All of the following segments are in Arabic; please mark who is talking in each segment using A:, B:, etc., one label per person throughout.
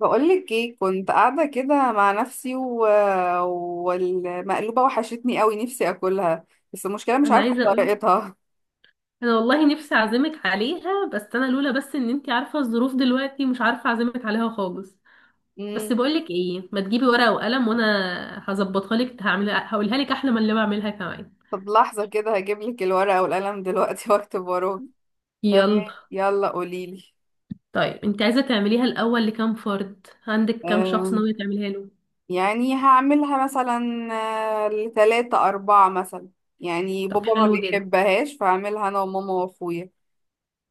A: بقولك ايه كنت قاعدة كده مع نفسي والمقلوبة وحشتني قوي، نفسي اكلها. بس المشكلة مش
B: انا
A: عارفة
B: عايزه اقول.
A: طريقتها.
B: انا والله نفسي اعزمك عليها، بس انا لولا بس ان انتي عارفه الظروف دلوقتي، مش عارفه اعزمك عليها خالص.
A: مم.
B: بس بقولك ايه، ما تجيبي ورقه وقلم وانا هظبطها لك، هعملها هقولها لك احلى من اللي بعملها كمان.
A: طب لحظة كده هجيبلك الورقة والقلم دلوقتي واكتب وراك.
B: يلا.
A: تمام، يلا قوليلي.
B: طيب انت عايزه تعمليها الاول لكام فرد؟ عندك كام شخص
A: أم،
B: ناويه تعمليها له؟
A: يعني هعملها مثلا ل 3 4 مثلا. يعني
B: طب
A: بابا ما
B: حلو جدا.
A: بيحبهاش، فهعملها أنا وماما وأخويا.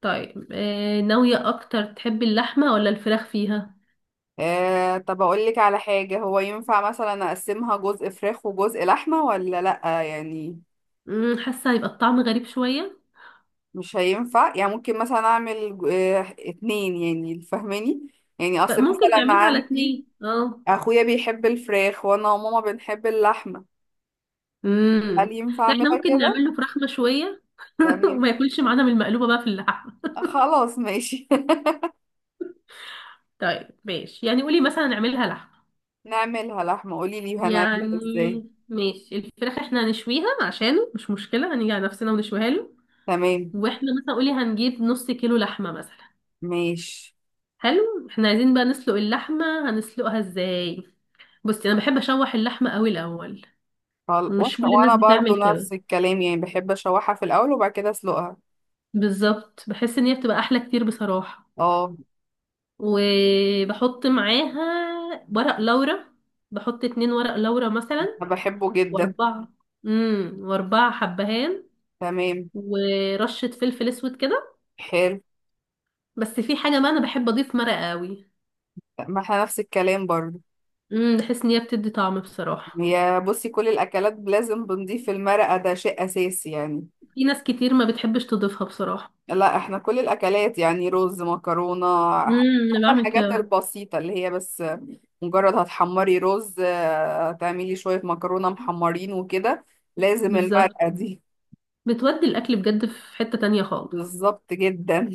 B: طيب ناويه اكتر تحبي اللحمه ولا الفراخ فيها؟
A: أه، طب أقولك على حاجة، هو ينفع مثلا أقسمها جزء فراخ وجزء لحمة ولا لأ يعني؟
B: حاسه هيبقى الطعم غريب شويه.
A: مش هينفع يعني، ممكن مثلا اعمل 2، يعني فاهماني؟ يعني اصل
B: ممكن
A: مثلا
B: نعملها على
A: عندي
B: اتنين، اه.
A: اخويا بيحب الفراخ وانا وماما بنحب اللحمه. هل
B: امم.
A: ينفع
B: لا، احنا
A: اعملها
B: ممكن
A: كده؟
B: نعمل له فراخ مشوية
A: تمام،
B: وما ياكلش معانا من المقلوبة بقى في اللحمة.
A: خلاص ماشي.
B: طيب ماشي، يعني قولي مثلا نعملها لحمة.
A: نعملها لحمه، قولي لي
B: يعني
A: هنعملها ازاي.
B: ماشي، الفراخ احنا هنشويها عشانه مش مشكلة، هنيجي على نفسنا ونشويها له.
A: تمام
B: واحنا مثلا قولي هنجيب نص كيلو لحمة مثلا.
A: ماشي.
B: حلو، احنا عايزين بقى نسلق اللحمة، هنسلقها ازاي؟ بصي، انا بحب اشوح اللحمة قوي الاول. مش
A: واحنا
B: كل الناس
A: وانا برضو
B: بتعمل كده.
A: نفس الكلام، يعني بحب اشوحها في الاول وبعد كده اسلقها.
B: بالظبط، بحس ان هي بتبقى احلى كتير بصراحة.
A: اه.
B: وبحط معاها ورق لورا، بحط 2 ورق لورا مثلا.
A: أنا بحبه جدا.
B: واربعة. امم، و4 حبهان.
A: تمام.
B: ورشة فلفل اسود كده.
A: حلو.
B: بس في حاجة بقى، انا بحب اضيف مرقة قوي.
A: ما احنا نفس الكلام برضو.
B: امم، بحس ان هي بتدي طعم بصراحة.
A: يا بصي، كل الاكلات لازم بنضيف المرقه، ده شيء اساسي يعني.
B: في ناس كتير ما بتحبش تضيفها بصراحة.
A: لا احنا كل الاكلات، يعني رز، مكرونه،
B: امم، انا
A: حتى
B: بعمل
A: الحاجات
B: كده.
A: البسيطه اللي هي بس مجرد هتحمري رز، تعملي شويه مكرونه محمرين وكده، لازم
B: بالظبط،
A: المرقه دي.
B: بتودي الاكل بجد في حتة تانية خالص.
A: بالظبط جدا.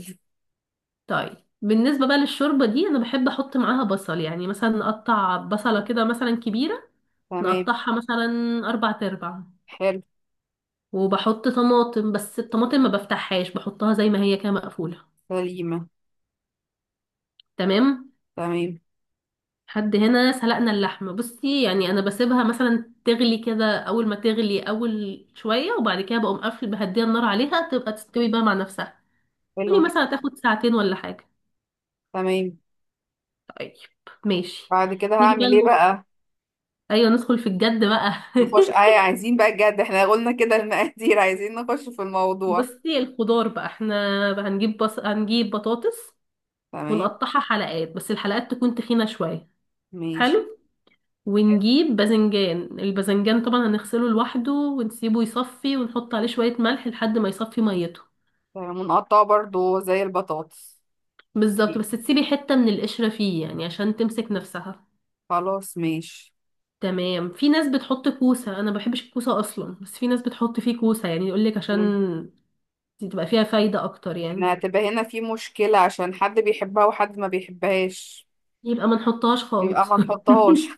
B: طيب، بالنسبة بقى للشوربة دي، انا بحب احط معاها بصل، يعني مثلا اقطع بصلة كده مثلا كبيرة.
A: تمام.
B: نقطعها مثلا أربع تربع.
A: حلو.
B: وبحط طماطم، بس الطماطم ما بفتحهاش، بحطها زي ما هي كده مقفولة.
A: سليمه.
B: تمام.
A: تمام.
B: حد هنا سلقنا اللحمة، بصي يعني أنا بسيبها مثلا تغلي كده، أول ما تغلي أول شوية وبعد كده بقوم قافل بهديها النار عليها تبقى تستوي بقى مع نفسها. قولي
A: حلو
B: مثلا
A: جدا.
B: تاخد ساعتين ولا حاجة.
A: تمام،
B: طيب. ماشي.
A: بعد كده
B: نيجي بقى
A: هعمل ايه بقى؟
B: أيوة، ندخل في الجد بقى.
A: نخش آه. عايزين بقى بجد، احنا قلنا كده المقادير، عايزين نخش في الموضوع.
B: بصي، الخضار بقى احنا هنجيب بطاطس،
A: تمام.
B: ونقطعها حلقات بس الحلقات تكون تخينة شوية.
A: ماشي.
B: حلو. ونجيب باذنجان، الباذنجان طبعا هنغسله لوحده ونسيبه يصفي ونحط عليه شوية ملح لحد ما يصفي ميته.
A: منقطعة برضو زي البطاطس
B: بالظبط،
A: دي.
B: بس تسيبي حتة من القشرة فيه يعني عشان تمسك نفسها.
A: خلاص ماشي.
B: تمام. في ناس بتحط كوسة، انا ما بحبش الكوسة اصلا، بس في ناس بتحط فيه كوسة يعني يقولك
A: مم.
B: عشان تبقى فيها فايدة اكتر يعني.
A: احنا هتبقى هنا في مشكلة عشان حد بيحبها وحد ما بيحبهاش.
B: يبقى ما نحطهاش
A: يبقى
B: خالص.
A: ما نحطهاش.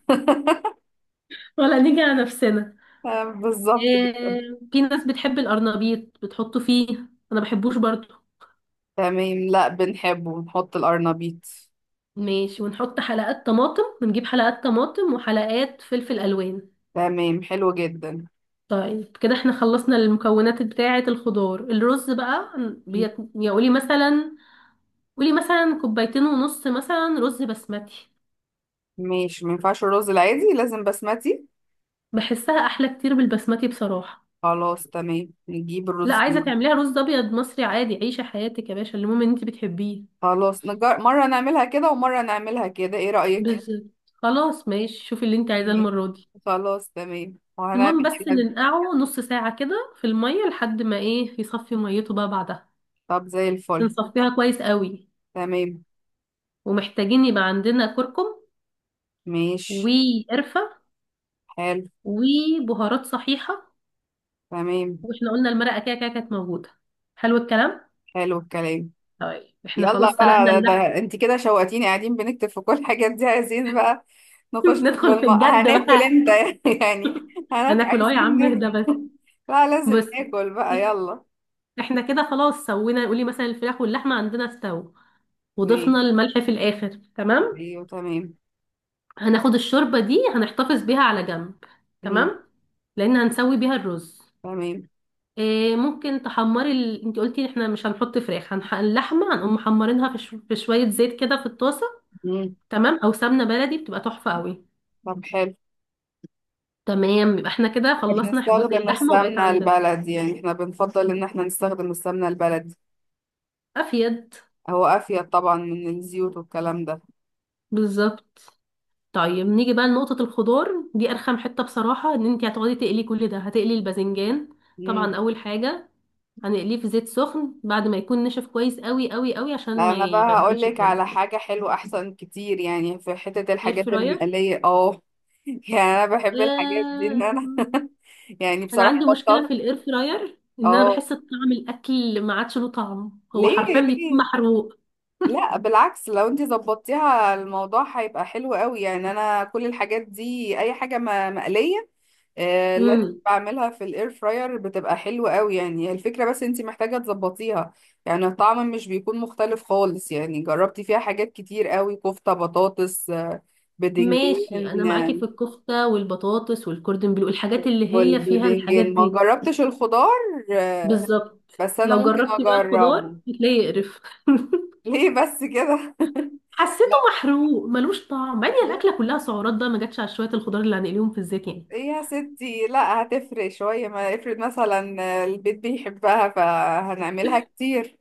B: ولا نيجي على نفسنا.
A: بالظبط
B: إيه،
A: كده.
B: في ناس بتحب القرنبيط بتحطه فيه، انا بحبوش برضو.
A: تمام، لا بنحبه، نحط القرنبيط.
B: ماشي، ونحط حلقات طماطم، ونجيب حلقات طماطم وحلقات فلفل الوان.
A: تمام، حلو جدا.
B: طيب كده احنا خلصنا المكونات بتاعة الخضار. الرز بقى
A: م-
B: يا قولي مثلا، قولي مثلا كوبايتين ونص مثلا رز بسمتي.
A: ماشي. ما ينفعش الرز العادي، لازم بسمتي.
B: بحسها احلى كتير بالبسمتي بصراحة.
A: خلاص تمام، نجيب
B: لا،
A: الرز
B: عايزة
A: دي.
B: تعمليها رز ابيض مصري عادي عيشة حياتك يا باشا، المهم ان انت بتحبيه.
A: خلاص، مرة نعملها كده ومرة نعملها كده، ايه رأيك؟
B: بالظبط. خلاص ماشي، شوفي اللي انت عايزاه
A: مم.
B: المرة دي.
A: خلاص تمام،
B: المهم
A: وهنعمل
B: بس
A: كده.
B: ننقعه نص ساعة كده في المية لحد ما ايه يصفي ميته بقى بعدها،
A: طب زي الفل.
B: بنصفيها كويس قوي.
A: تمام.
B: ومحتاجين يبقى عندنا كركم،
A: ماشي.
B: وقرفة،
A: حلو.
B: وبهارات صحيحة.
A: تمام.
B: واحنا قلنا المرقة كده كده كانت موجودة. حلو الكلام.
A: حلو الكلام.
B: طيب احنا خلاص
A: يلا بقى،
B: سلقنا اللحم.
A: ده انت كده شوقتيني، قاعدين بنكتب في كل الحاجات دي، عايزين بقى
B: ندخل في الجد
A: هناكل
B: بقى.
A: امتى يعني؟ هناكل،
B: هناكل اهو يا
A: عايزين
B: عم اهدى بس.
A: ناكل. لا لازم
B: بص،
A: ناكل بقى، يلا.
B: احنا كده خلاص سوينا، قولي مثلا الفراخ واللحمة عندنا استوى،
A: ماشي.
B: وضفنا الملح في الاخر. تمام.
A: ايوه تمام.
B: هناخد الشوربة دي هنحتفظ بيها على جنب.
A: مم.
B: تمام. لان هنسوي بيها الرز.
A: تمام.
B: إيه ممكن تحمري انت قلتي احنا مش هنحط فراخ، اللحمه هنقوم محمرينها في، في شويه زيت كده في الطاسه.
A: مم.
B: تمام، او سمنه بلدي بتبقى تحفه قوي.
A: طب حلو.
B: تمام، يبقى احنا كده خلصنا جزء
A: بنستخدم
B: اللحمه وبقيت
A: السمنة
B: عندنا.
A: البلدي، يعني احنا بنفضل ان احنا نستخدم السمنة البلدي.
B: افيد.
A: هو افيد طبعا من الزيوت والكلام ده.
B: بالظبط. طيب نيجي بقى لنقطه الخضار، دي ارخم حته بصراحه ان انت هتقعدي تقلي كل ده، هتقلي الباذنجان
A: مم.
B: طبعا اول حاجه، هنقليه في زيت سخن بعد ما يكون نشف كويس قوي قوي قوي عشان
A: لا
B: ما
A: انا بقى هقول
B: يبهدلش
A: لك
B: الدنيا.
A: على حاجه حلوه احسن كتير، يعني في حته
B: اير
A: الحاجات
B: فراير.
A: المقليه اه يعني انا بحب الحاجات دي ان
B: آه،
A: انا يعني
B: انا
A: بصراحه
B: عندي مشكله
A: بطلت.
B: في الاير فراير، ان انا
A: اه.
B: بحس طعم الاكل ما عادش له طعم، هو
A: ليه
B: حرفيا بيكون
A: ليه؟
B: محروق.
A: لا بالعكس، لو انت ظبطتيها الموضوع هيبقى حلو قوي. يعني انا كل الحاجات دي اي حاجه مقليه، آه، لازم
B: امم.
A: بعملها في الاير فراير بتبقى حلوة قوي. يعني هي الفكرة، بس انتي محتاجة تظبطيها. يعني الطعم مش بيكون مختلف خالص. يعني جربتي فيها حاجات كتير قوي: كفتة، بطاطس،
B: ماشي، انا
A: بدنجان،
B: معاكي في الكفته والبطاطس والكوردن بلو، الحاجات اللي هي فيها الحاجات
A: والبدنجان ما
B: دي.
A: جربتش الخضار.
B: بالظبط،
A: بس انا
B: لو
A: ممكن
B: جربتي بقى
A: اجربه.
B: الخضار هتلاقيه يقرف.
A: ليه بس كده؟
B: حسيته
A: لا
B: محروق ملوش طعم، بعدين
A: لا،
B: الاكله كلها سعرات بقى ما جاتش على شويه الخضار اللي هنقليهم في الزيت يعني.
A: ايه يا ستي! لا هتفرق شوية. ما افرض مثلا البيت بيحبها، فهنعملها كتير.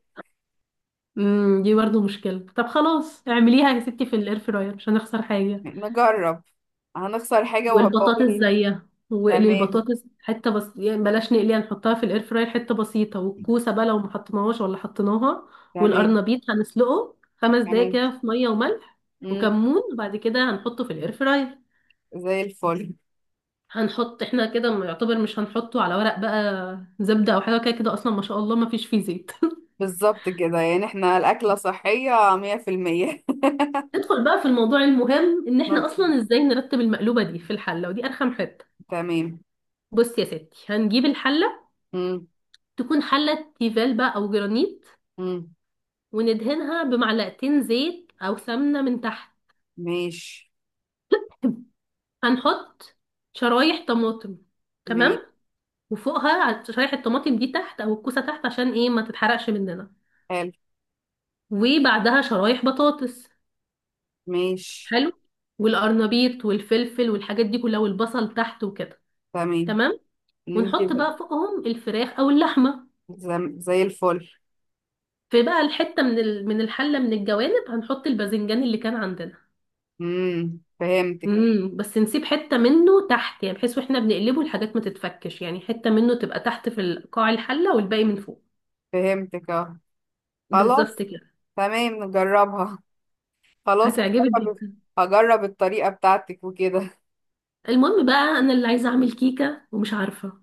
B: امم، دي برضه مشكله، طب خلاص اعمليها يا ستي في الاير فراير مش هنخسر حاجه.
A: نجرب. هنخسر حاجة
B: والبطاطس
A: وهبقول.
B: زيها، واقلي
A: تمام.
B: البطاطس حته بس يعني، بلاش نقليها، نحطها في الاير فراير حته بسيطه، والكوسه بقى لو ما حطيناهاش ولا حطيناها.
A: تمام.
B: والقرنبيط هنسلقه 5 دقايق
A: تمام.
B: كده في ميه وملح
A: مم.
B: وكمون، وبعد كده هنحطه في الاير فراير.
A: زي الفل.
B: هنحط احنا كده يعتبر مش هنحطه على ورق بقى زبده او حاجه، كده كده اصلا ما شاء الله ما فيش فيه زيت.
A: بالظبط كده، يعني احنا الأكلة صحية 100%.
B: ندخل بقى في الموضوع المهم، ان احنا
A: نطلع.
B: اصلا ازاي نرتب المقلوبه دي في الحله، ودي ارخم حته.
A: تمام.
B: بص يا ستي، هنجيب الحله،
A: مم.
B: تكون حله تيفال بقى او جرانيت،
A: مم.
B: وندهنها بمعلقتين زيت او سمنه من تحت.
A: ماشي.
B: هنحط شرايح طماطم.
A: ماشي.
B: تمام. وفوقها على شرايح الطماطم دي تحت، او الكوسه تحت عشان ايه ما تتحرقش مننا.
A: حلو.
B: وبعدها شرايح بطاطس.
A: ماشي.
B: حلو. والقرنبيط والفلفل والحاجات دي كلها والبصل تحت وكده.
A: تمام.
B: تمام.
A: انت
B: ونحط
A: بقى،
B: بقى فوقهم الفراخ او اللحمه.
A: زي الفل.
B: في بقى الحته من الحله من الجوانب، هنحط الباذنجان اللي كان عندنا.
A: مم. فهمتك.
B: امم، بس نسيب حتة منه تحت يعني، بحيث واحنا بنقلبه الحاجات ما تتفكش، يعني حتة منه تبقى تحت قاع الحلة والباقي من فوق.
A: فهمتك اه.
B: بالظبط
A: خلاص
B: كده.
A: تمام، نجربها. خلاص.
B: هتعجبك
A: هجرب.
B: جدا.
A: هجرب الطريقة بتاعتك وكده.
B: المهم بقى انا اللي عايزة اعمل كيكة ومش عارفة.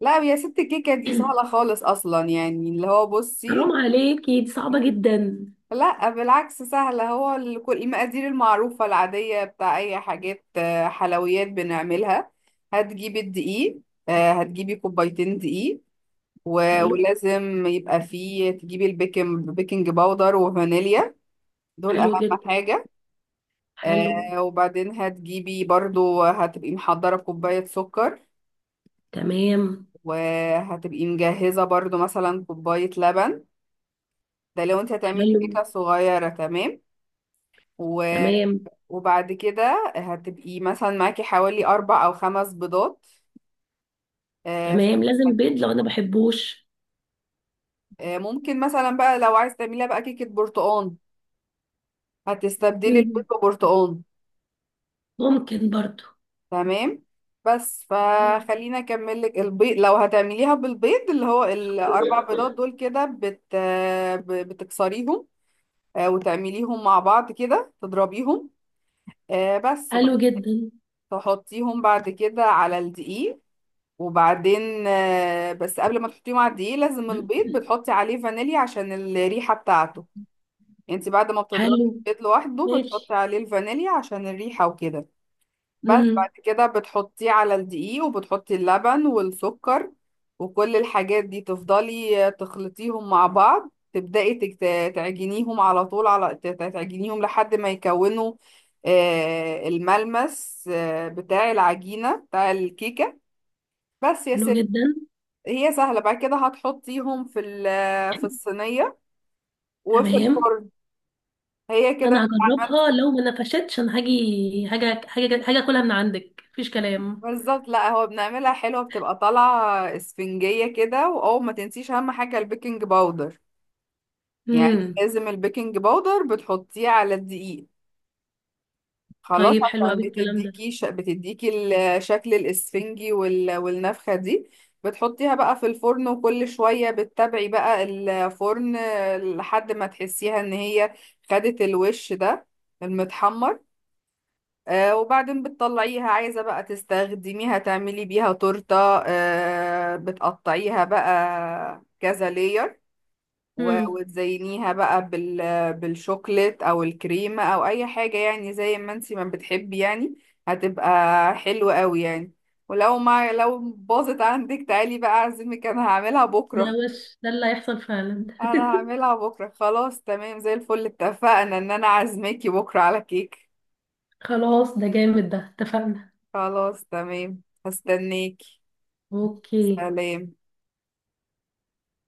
A: لا يا ست، الكيكة دي سهلة خالص أصلا. يعني اللي هو بصي،
B: حرام عليكي، دي صعبة جدا.
A: لا بالعكس سهلة. هو كل المقادير المعروفة العادية بتاع أي حاجات حلويات بنعملها. هتجيبي الدقيق، هتجيبي 2 كوباية دقيق.
B: حلو.
A: ولازم يبقى فيه، تجيبي بيكنج باودر وفانيليا. دول أهم
B: حلو جدا.
A: حاجة.
B: حلو.
A: وبعدين هتجيبي برضو، هتبقي محضرة كوباية سكر،
B: تمام.
A: وهتبقي مجهزة برضو مثلا كوباية لبن. ده لو انت هتعملي
B: حلو.
A: كيكة صغيرة. تمام. و...
B: تمام.
A: وبعد كده هتبقي مثلا معاكي حوالي 4 أو 5 بيضات. آه، ف-
B: تمام لازم
A: هت-
B: بيض لو انا بحبوش.
A: ممكن مثلا بقى لو عايز تعمليها بقى كيكة برتقال، هتستبدلي البيض
B: مم.
A: ببرتقال.
B: ممكن برضو.
A: تمام. بس فخلينا أكمل لك البيض. لو هتعمليها بالبيض، اللي هو ال 4 بيضات دول كده بتكسريهم، وتعمليهم مع بعض كده تضربيهم. بس
B: حلو جدا.
A: تحطيهم بعد كده على الدقيق. وبعدين بس قبل ما تحطيهم على الدقيق لازم البيض بتحطي عليه فانيليا عشان الريحة بتاعته. انت بعد ما
B: حلو.
A: بتضربي البيض لوحده بتحطي
B: ماشي.
A: عليه الفانيليا عشان الريحة وكده. بس
B: مم.
A: بعد كده بتحطيه على الدقيق وبتحطي اللبن والسكر. وكل الحاجات دي تفضلي تخلطيهم مع بعض، تبدأي تعجنيهم على طول، تعجنيهم لحد ما يكونوا الملمس بتاع العجينة بتاع الكيكة، بس يا
B: حلو
A: ستي.
B: جدا.
A: هي سهلة. بعد كده هتحطيهم في الصينية وفي
B: تمام،
A: الفرن. هي كده
B: انا
A: انت عملت.
B: هجربها، لو ما نفشتش انا هاجي، هاجي هاجي هاجي اكلها من عندك مفيش كلام.
A: بالظبط. لا هو بنعملها حلوة، بتبقى طالعة اسفنجية كده. واول ما تنسيش اهم حاجة البيكنج باودر، يعني
B: امم.
A: لازم البيكنج باودر بتحطيه على الدقيق. خلاص.
B: طيب حلو
A: عشان
B: قوي الكلام ده.
A: بتديكي الشكل الاسفنجي والنفخة دي. بتحطيها بقى في الفرن وكل شوية بتتابعي بقى الفرن لحد ما تحسيها ان هي خدت الوش ده المتحمر. آه. وبعدين بتطلعيها، عايزة بقى تستخدميها تعملي بيها تورتة. آه، بتقطعيها بقى كذا لير،
B: امم.
A: وتزينيها بقى بالشوكليت او الكريمة او اي حاجة، يعني زي ما انتي ما بتحبي يعني. هتبقى حلوة قوي يعني. ولو ما لو باظت عندك تعالي بقى اعزمك، انا هعملها
B: ده
A: بكرة.
B: وش ده اللي هيحصل فعلا.
A: انا هعملها بكرة، خلاص تمام، زي الفل. اتفقنا ان انا عازماكي بكرة على كيك.
B: خلاص ده جامد، ده اتفقنا.
A: خلاص تمام، هستناكي.
B: اوكي.
A: سلام.